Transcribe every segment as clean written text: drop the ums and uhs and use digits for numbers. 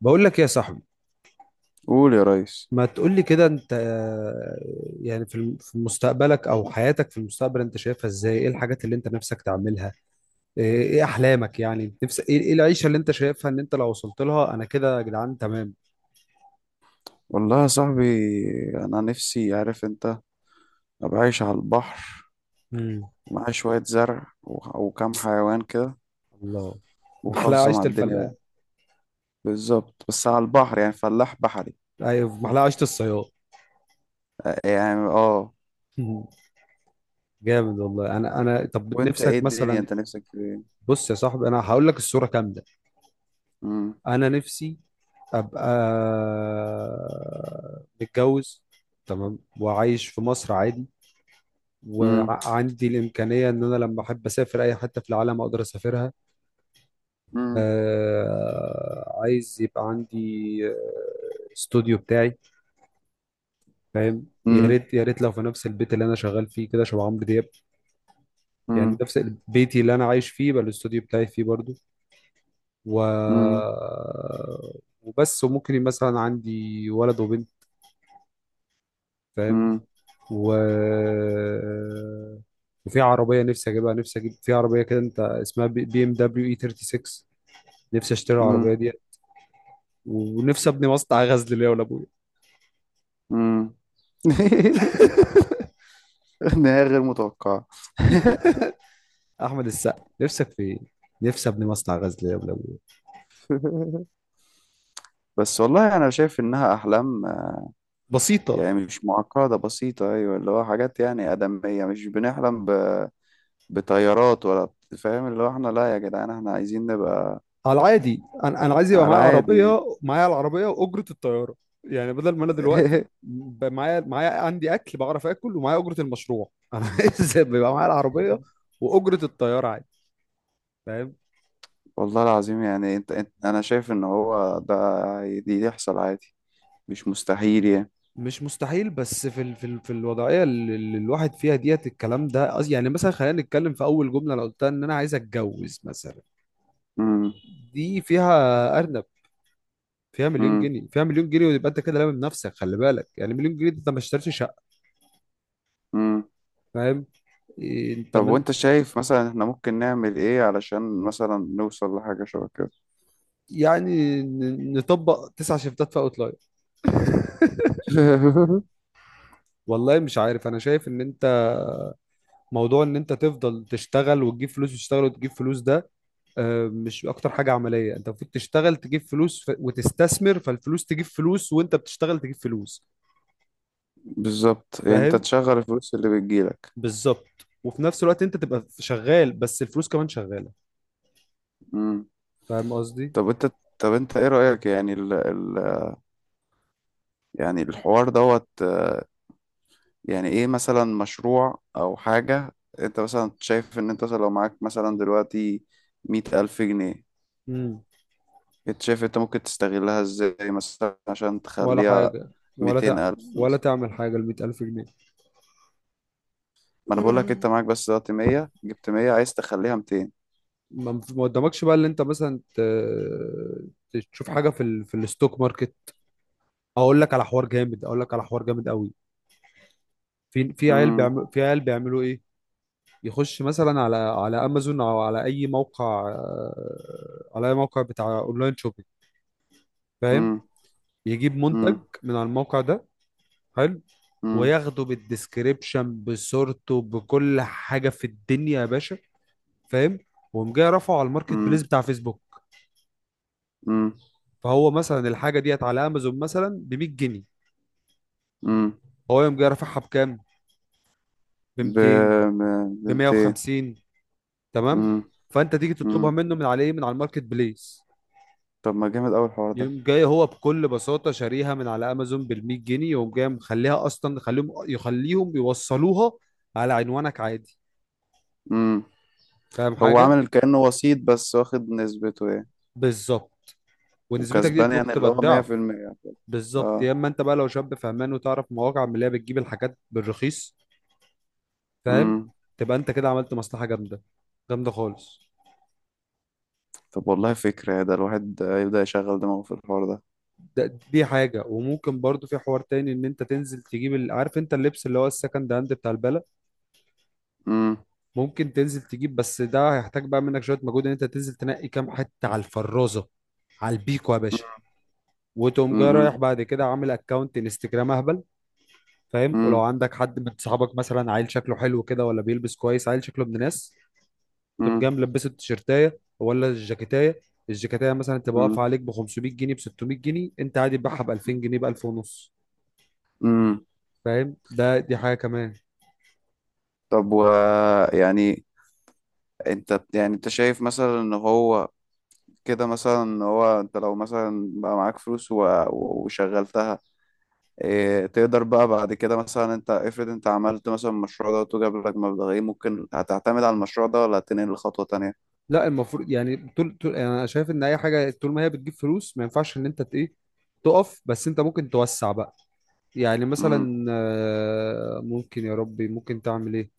بقول لك إيه يا صاحبي. قول يا ريس. ما تقول لي كده انت يعني في مستقبلك او حياتك في المستقبل انت شايفها ازاي؟ ايه الحاجات اللي انت نفسك تعملها؟ ايه احلامك؟ يعني نفسك ايه؟ العيشة اللي انت شايفها ان انت لو وصلت لها انا كده يا جدعان تمام. والله يا صاحبي، انا نفسي، عارف انت، ابقى عايش على البحر، امم ومعايا شوية زرع و- وكام حيوان كده، الله. محلاها وخالصة عيشة مع الدنيا الفلاح. بقى. بالظبط، بس على البحر يعني فلاح بحري. ايوه محلاها عيشة الصياد. يعني اه. مم. جامد والله. انا طب وانت ايه نفسك الدنيا، مثلا؟ انت نفسك في ايه؟ بص يا صاحبي، انا هقول لك الصورة كاملة. مم، انا نفسي ابقى متجوز تمام، وعايش في مصر عادي، مم، وعندي الامكانيه ان انا لما احب اسافر اي حته في العالم اقدر اسافرها. مم، آه، عايز يبقى عندي استوديو بتاعي، فاهم؟ يا مم، ريت يا ريت لو في نفس البيت اللي انا شغال فيه كده، شبه عمرو دياب. يعني مم، نفس بيتي اللي انا عايش فيه يبقى الاستوديو بتاعي فيه برضو. و مم، وبس. وممكن مثلا عندي ولد وبنت، فاهم؟ مم، و... وفي عربية نفسي أجيبها نفسي أجيب في عربية كده، أنت اسمها بي إم دبليو إي 36. نفسي أشتري العربية مم، دي، ونفسي أبني مصنع غزل ليا ولأبويا. مم. نهاية غير متوقعة. أحمد السقا نفسك في إيه؟ نفسي أبني مصنع غزل ليا ولأبويا. بس والله انا شايف انها احلام، بسيطة، يعني مش معقدة، بسيطة، أيوة، اللي هو حاجات يعني آدمية، مش بنحلم بطيارات ولا فاهم، اللي هو احنا لا يا جدعان، احنا عايزين نبقى على العادي. أنا عايز يبقى على معايا عادي يعني. عربية، معايا العربية وأجرة الطيارة. يعني بدل ما أنا دلوقتي معايا، عندي أكل بعرف آكل ومعايا أجرة المشروع، أنا عايز يبقى معايا العربية وأجرة الطيارة عادي، فاهم؟ والله العظيم، يعني انت، أنا شايف إن هو ده، دي يحصل عادي، مش مستحيل يعني. مش مستحيل، بس في الوضعيه اللي الواحد فيها ديت الكلام ده يعني مثلا خلينا نتكلم في اول جمله انا قلتها ان انا عايز اتجوز مثلا. مم. دي فيها ارنب، فيها مليون مم. جنيه. ويبقى انت كده لامم نفسك. خلي بالك يعني مليون جنيه ده انت ما اشتريتش شقه، مم. فاهم؟ إيه، انت طب من وأنت شايف مثلا احنا ممكن نعمل إيه علشان مثلا نوصل لحاجة شبه كده؟ يعني نطبق تسع شيفتات في اوتلاير. والله مش عارف. انا شايف ان انت موضوع ان انت تفضل تشتغل وتجيب فلوس وتشتغل وتجيب فلوس ده مش اكتر حاجه عمليه. انت المفروض تشتغل تجيب فلوس وتستثمر فالفلوس تجيب فلوس، وانت بتشتغل تجيب فلوس، بالظبط، يعني أنت فاهم؟ تشغل الفلوس اللي بتجيلك. بالظبط. وفي نفس الوقت انت تبقى شغال، بس الفلوس كمان شغاله، فاهم قصدي؟ طب انت طب انت ايه رأيك، يعني يعني الحوار دوت، يعني ايه مثلا مشروع او حاجة انت مثلا شايف ان انت مثلا لو معاك مثلا دلوقتي مية ألف جنيه، امم، انت شايف انت ممكن تستغلها ازاي مثلا عشان ولا تخليها حاجه. ولا ميتين تع... ألف ولا مثلا؟ تعمل حاجه؟ ال 100000 جنيه؟ ما انا بقول لك، انت معاك بس دلوقتي مية، جبت مية، عايز تخليها ميتين. ما قدامكش بقى اللي انت مثلا تشوف حاجه في الستوك ماركت. اقول لك على حوار جامد، اقول لك على حوار جامد قوي. امم، في عيال بيعملوا ايه، يخش مثلا على امازون او على اي موقع، على اي موقع بتاع اونلاين شوبينج، فاهم؟ امم، يجيب امم، منتج من على الموقع ده، حلو، امم، وياخده بالديسكريبشن بصورته بكل حاجه في الدنيا يا باشا، فاهم؟ وقوم جاي رافعه على الماركت بليس امم، بتاع فيسبوك. امم، فهو مثلا الحاجه ديت على امازون مثلا ب 100 جنيه، امم. هو يقوم جاي رافعها بكام؟ ب ب 200، ب- ب بميتين. 150. تمام؟ امم، فانت تيجي تطلبها امم. منه من على ايه، من على الماركت بليس. طب ما جامد أوي الحوار يقوم جاي هو بكل بساطة شاريها من على أمازون بالمية جنيه، يقوم جاي مخليها أصلا، يخليهم يوصلوها على عنوانك عادي. ده. فاهم هو حاجة؟ عامل كأنه وسيط بس، واخد نسبته يعني. بالظبط. ونسبتك وكسبان دي ممكن يعني، اللي تبقى هو مية الضعف. في المية. بالظبط. يا اه. إما أنت بقى لو شاب فهمان وتعرف مواقع من اللي هي بتجيب الحاجات بالرخيص، فاهم؟ امم. تبقى أنت كده عملت مصلحة جامدة، جامدة خالص. طب والله فكرة، يا ده الواحد يبدأ يشغل دماغه في الحوار ده. ده دي حاجة. وممكن برضو في حوار تاني إن أنت تنزل تجيب عارف أنت اللبس اللي هو السكند هاند بتاع البلد، امم، ممكن تنزل تجيب، بس ده هيحتاج بقى منك شويه مجهود ان انت تنزل تنقي كام حته على الفرازه، على البيكو يا باشا. وتقوم جاي رايح امم، بعد كده عامل اكونت انستجرام اهبل، فاهم؟ ولو امم، عندك حد من صحابك مثلا عيل شكله حلو كده ولا بيلبس كويس، عيل شكله ابن ناس، تقوم جاي امم، ملبسه التيشيرتايه ولا الجاكيتايه. الجاكيتايه مثلا تبقى امم، واقفه عليك ب 500 جنيه، ب 600 جنيه، انت عادي تبيعها ب 2000 جنيه، ب 1000 ونص، امم. فاهم؟ ده دي حاجه كمان. طب و، يعني انت، يعني انت شايف مثلا ان هو كده، مثلا ان هو انت لو مثلا بقى معاك فلوس وشغلتها، تقدر بقى بعد كده مثلا، انت افرض انت عملت مثلا المشروع ده وجاب لك مبلغين، ممكن هتعتمد على المشروع ده ولا هتنقل لخطوة تانية؟ لا، المفروض يعني طول طول، يعني انا شايف ان اي حاجه طول ما هي بتجيب فلوس ما ينفعش ان انت ت- ايه تقف. بس انت ممكن توسع بقى. يعني امم، مثلا ممكن، يا ربي ممكن تعمل ايه؟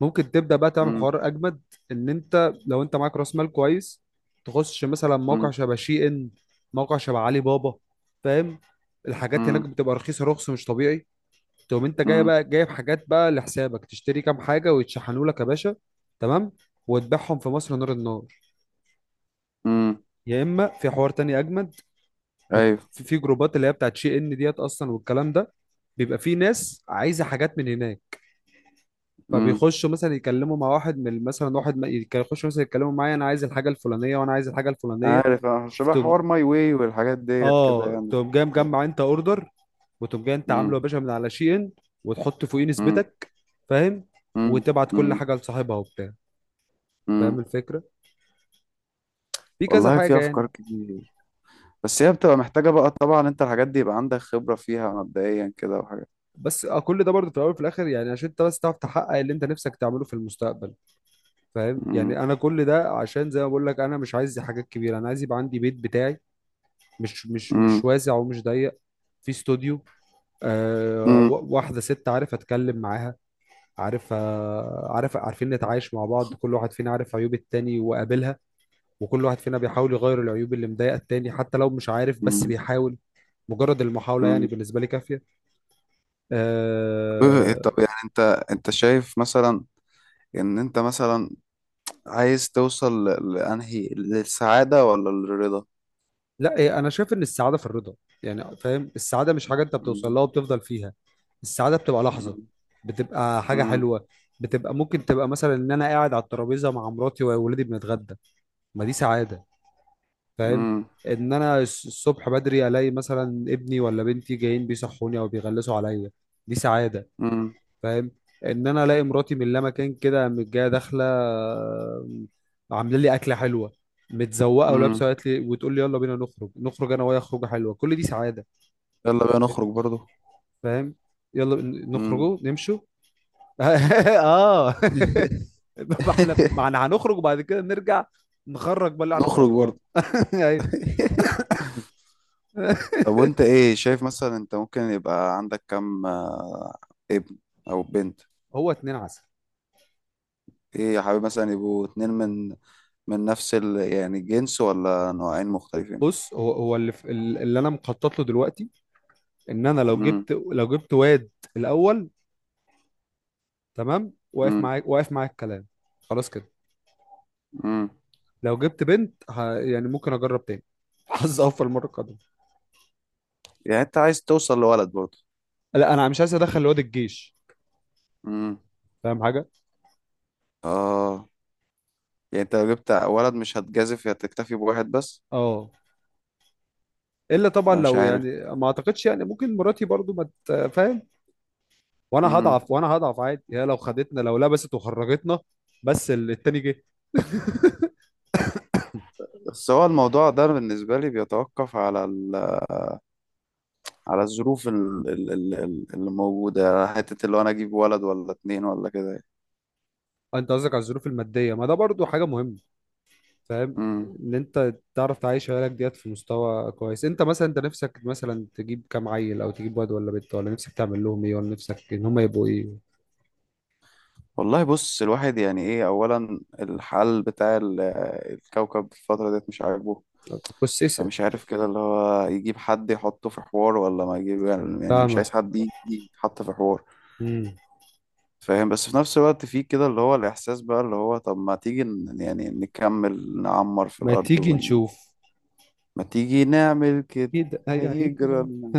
ممكن تبدا بقى تعمل امم، حوار اجمد، ان انت لو انت معاك راس مال كويس، تخش مثلا موقع امم، شبه شي ان، موقع شبه علي بابا، فاهم؟ الحاجات هناك امم، بتبقى رخيصه، رخص مش طبيعي. تقوم انت جاي امم، بقى جايب حاجات بقى لحسابك، تشتري كام حاجه ويتشحنوا لك يا باشا، تمام، وتبيعهم في مصر نار النار. امم. يا اما في حوار تاني اجمد، ايوه. في جروبات اللي هي بتاعت شي ان ديت اصلا والكلام ده، بيبقى في ناس عايزه حاجات من هناك، امم. فبيخشوا مثلا يكلموا مع واحد من مثلا واحد، يخشوا مثلا يتكلموا معايا، انا عايز الحاجه الفلانيه وانا عايز الحاجه الفلانيه، عارف شبه تقوم حوار ماي واي والحاجات ديت كده اه يعني. تقوم جاي مجمع انت اوردر، وتقوم جاي انت عامله يا امم، باشا من على شي ان، وتحط فوقيه امم، نسبتك، فاهم؟ امم، وتبعت كل امم، حاجه لصاحبها وبتاع، فاهم امم. الفكره؟ في كذا والله في حاجه افكار يعني. كتير، بس هي بتبقى محتاجة بقى طبعا، انت الحاجات دي يبقى عندك خبرة فيها مبدئيا كده وحاجات. بس كل ده برضه في الاول وفي الاخر يعني عشان انت بس تعرف تحقق اللي انت نفسك تعمله في المستقبل، فاهم؟ يعني امم، انا كل ده عشان زي ما بقول لك، انا مش عايز حاجات كبيره، انا عايز يبقى عندي بيت بتاعي، مش امم، واسع ومش ضيق، في استوديو، آه، واحده ست عارف اتكلم معاها، عارف عارف عارفين نتعايش مع بعض، كل واحد فينا عارف عيوب التاني وقابلها، وكل واحد فينا بيحاول يغير العيوب اللي مضايقه التاني حتى لو مش عارف بس امم. بيحاول. مجرد المحاولة يعني بالنسبة لي كافية. طب آه. يعني انت شايف مثلا ان انت مثلا عايز توصل لانهي، للسعادة ولا للرضا؟ لا، انا شايف ان السعاده في الرضا. يعني فاهم، السعاده مش حاجه انت بتوصل مم. لها وبتفضل فيها. السعاده بتبقى لحظه، مم. بتبقى حاجه مم. حلوه. بتبقى ممكن تبقى مثلا ان انا قاعد على الترابيزه مع مراتي وولادي بنتغدى، ما دي سعاده، فاهم؟ مم. ان انا الصبح بدري الاقي مثلا ابني ولا بنتي جايين بيصحوني او بيغلسوا عليا، دي سعاده، مم. فاهم؟ ان انا الاقي مراتي من لا مكان كده قامت جايه داخله، آم، عامله لي اكله حلوه، متزوقه ولابسه، مم. قالت لي وتقول لي يلا بينا نخرج، نخرج انا وهي خروجه حلوه، كل دي سعاده، يلا بقى نخرج برضو. فاهم؟ يلا مم. نخرجوا نمشوا. اه ما احنا هنخرج وبعد كده نرجع، نخرج بقى اللي احنا نخرج خرجناه برضو. ايوه طب وانت ايه شايف، مثلا انت ممكن يبقى عندك كم ابن او بنت؟ هو اتنين عسل. ايه يا حبيبي، مثلا يبقوا اتنين من نفس يعني الجنس، ولا نوعين مختلفين؟ بص، في اللي انا مخطط له دلوقتي، ان انا مم. لو جبت واد الاول، تمام، واقف مم. معاك، واقف معاك الكلام، خلاص كده. مم. لو جبت بنت يعني ممكن اجرب تاني حظ اوفر المره القادمه. يعني انت عايز توصل لولد برضه؟ لا، انا مش عايز ادخل الواد الجيش، امم. فاهم حاجه؟ اه. يعني انت لو جبت ولد، مش هتجازف، هتكتفي بواحد بس؟ اه. الا طبعا انا مش لو عارف. يعني، ما اعتقدش يعني ممكن مراتي برضو ما ت- فاهم؟ وانا امم. هضعف، عادي، هي لو خدتنا لو لبست وخرجتنا، بس التاني جه. بس هو الموضوع ده بالنسبة لي بيتوقف على على الظروف اللي موجودة على حتة، اللي هو أنا أجيب ولد ولا اتنين ولا كده. انت قصدك على الظروف الماديه؟ ما ده برضو حاجه مهمه، فاهم؟ امم. ان انت تعرف تعيش عيالك ديت في مستوى كويس. انت مثلا انت نفسك مثلا تجيب كام عيل؟ او تجيب واد ولا بنت؟ ولا نفسك تعمل لهم ايه؟ ولا نفسك ان هم يبقوا ايه؟ والله، بص الواحد يعني إيه، أولا الحال بتاع الكوكب في الفترة ديت مش عاجبه. بس اسال. فمش عارف كده، اللي هو يجيب حد يحطه في حوار ولا ما يجيب، يعني مش عايز فاهمك. حد يجي يتحط في حوار. امم. فاهم؟ بس في نفس الوقت في كده اللي هو الإحساس بقى، اللي هو طب ما تيجي يعني نكمل نعمر في ما الأرض تيجي ون... نشوف ما تيجي نعمل كده، كده هي هيجرى هيجرى. لنا.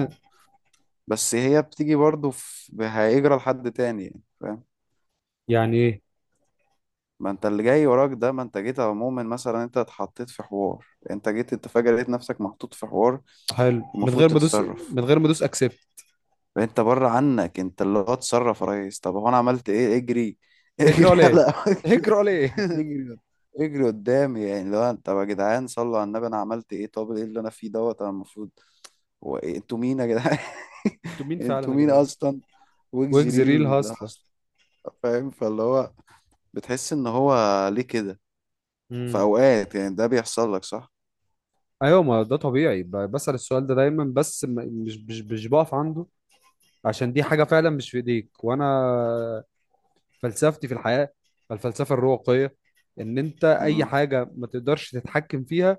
بس هي بتيجي برضه في... هيجرى لحد تاني يعني، فاهم؟ يعني ايه؟ ما انت اللي جاي وراك ده، ما انت جيت عموما، مثلا انت اتحطيت في حوار، انت جيت، انت فجأة لقيت نفسك محطوط في حوار، حلو، من المفروض غير ما ادوس، تتصرف. اكسبت. فانت بره عنك، انت اللي هو اتصرف يا ريس. طب هو انا عملت ايه؟ اجري اجرى اجري ليه؟ على اجرى ليه؟ يجري، يجري قدامي يعني؟ طب يا جدعان، صلوا على النبي، انا عملت ايه؟ طب ايه اللي انا فيه دوت؟ انا المفروض، هو انتوا مين يا جدعان؟ انتوا مين فعلا انتوا يا مين جدعان؟ اصلا؟ ويجز ريل وجزيريل هاصله. اصلا. فاهم، فاللي هو بتحس ان هو ليه كده؟ في امم. اوقات يعني ده بيحصل لك صح؟ ايوه، ما ده طبيعي. بسأل السؤال ده دايما، بس مش بقف عنده، عشان دي حاجة فعلا مش في ايديك. وانا فلسفتي في الحياة الفلسفة الرواقية، ان انت اي امم. حاجة ما تقدرش تتحكم فيها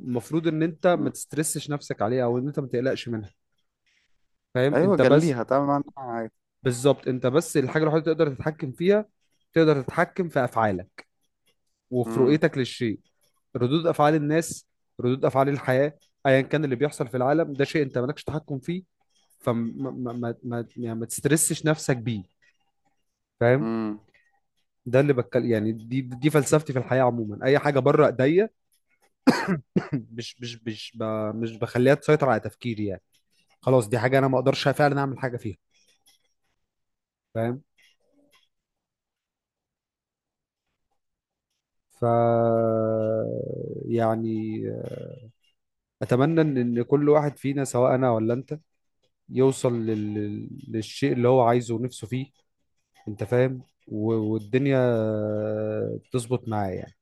المفروض ان انت ما تسترسش نفسك عليها، او ان انت ما تقلقش منها، فاهم؟ ايوه، انت بس، جليها تعمل معاها، عادي. بالظبط، انت بس الحاجة الوحيدة اللي تقدر تتحكم فيها، تقدر تتحكم في افعالك، وفي رؤيتك للشيء. ردود افعال الناس، ردود افعال الحياة، ايا كان اللي بيحصل في العالم، ده شيء انت مالكش تحكم فيه، فما ما ما ما يعني ما تسترسش نفسك بيه، فاهم؟ امم. ده اللي بتكلم يعني، دي فلسفتي في الحياة عموما. اي حاجة بره ايديا مش مش مش ب... مش بخليها تسيطر على تفكيري، يعني خلاص دي حاجه انا ما اقدرش فعلا اعمل حاجه فيها، فاهم؟ ف، يعني، اتمنى ان إن كل واحد فينا، سواء انا ولا انت، يوصل للشيء اللي هو عايزه ونفسه فيه، انت فاهم؟ والدنيا تظبط معاه يعني.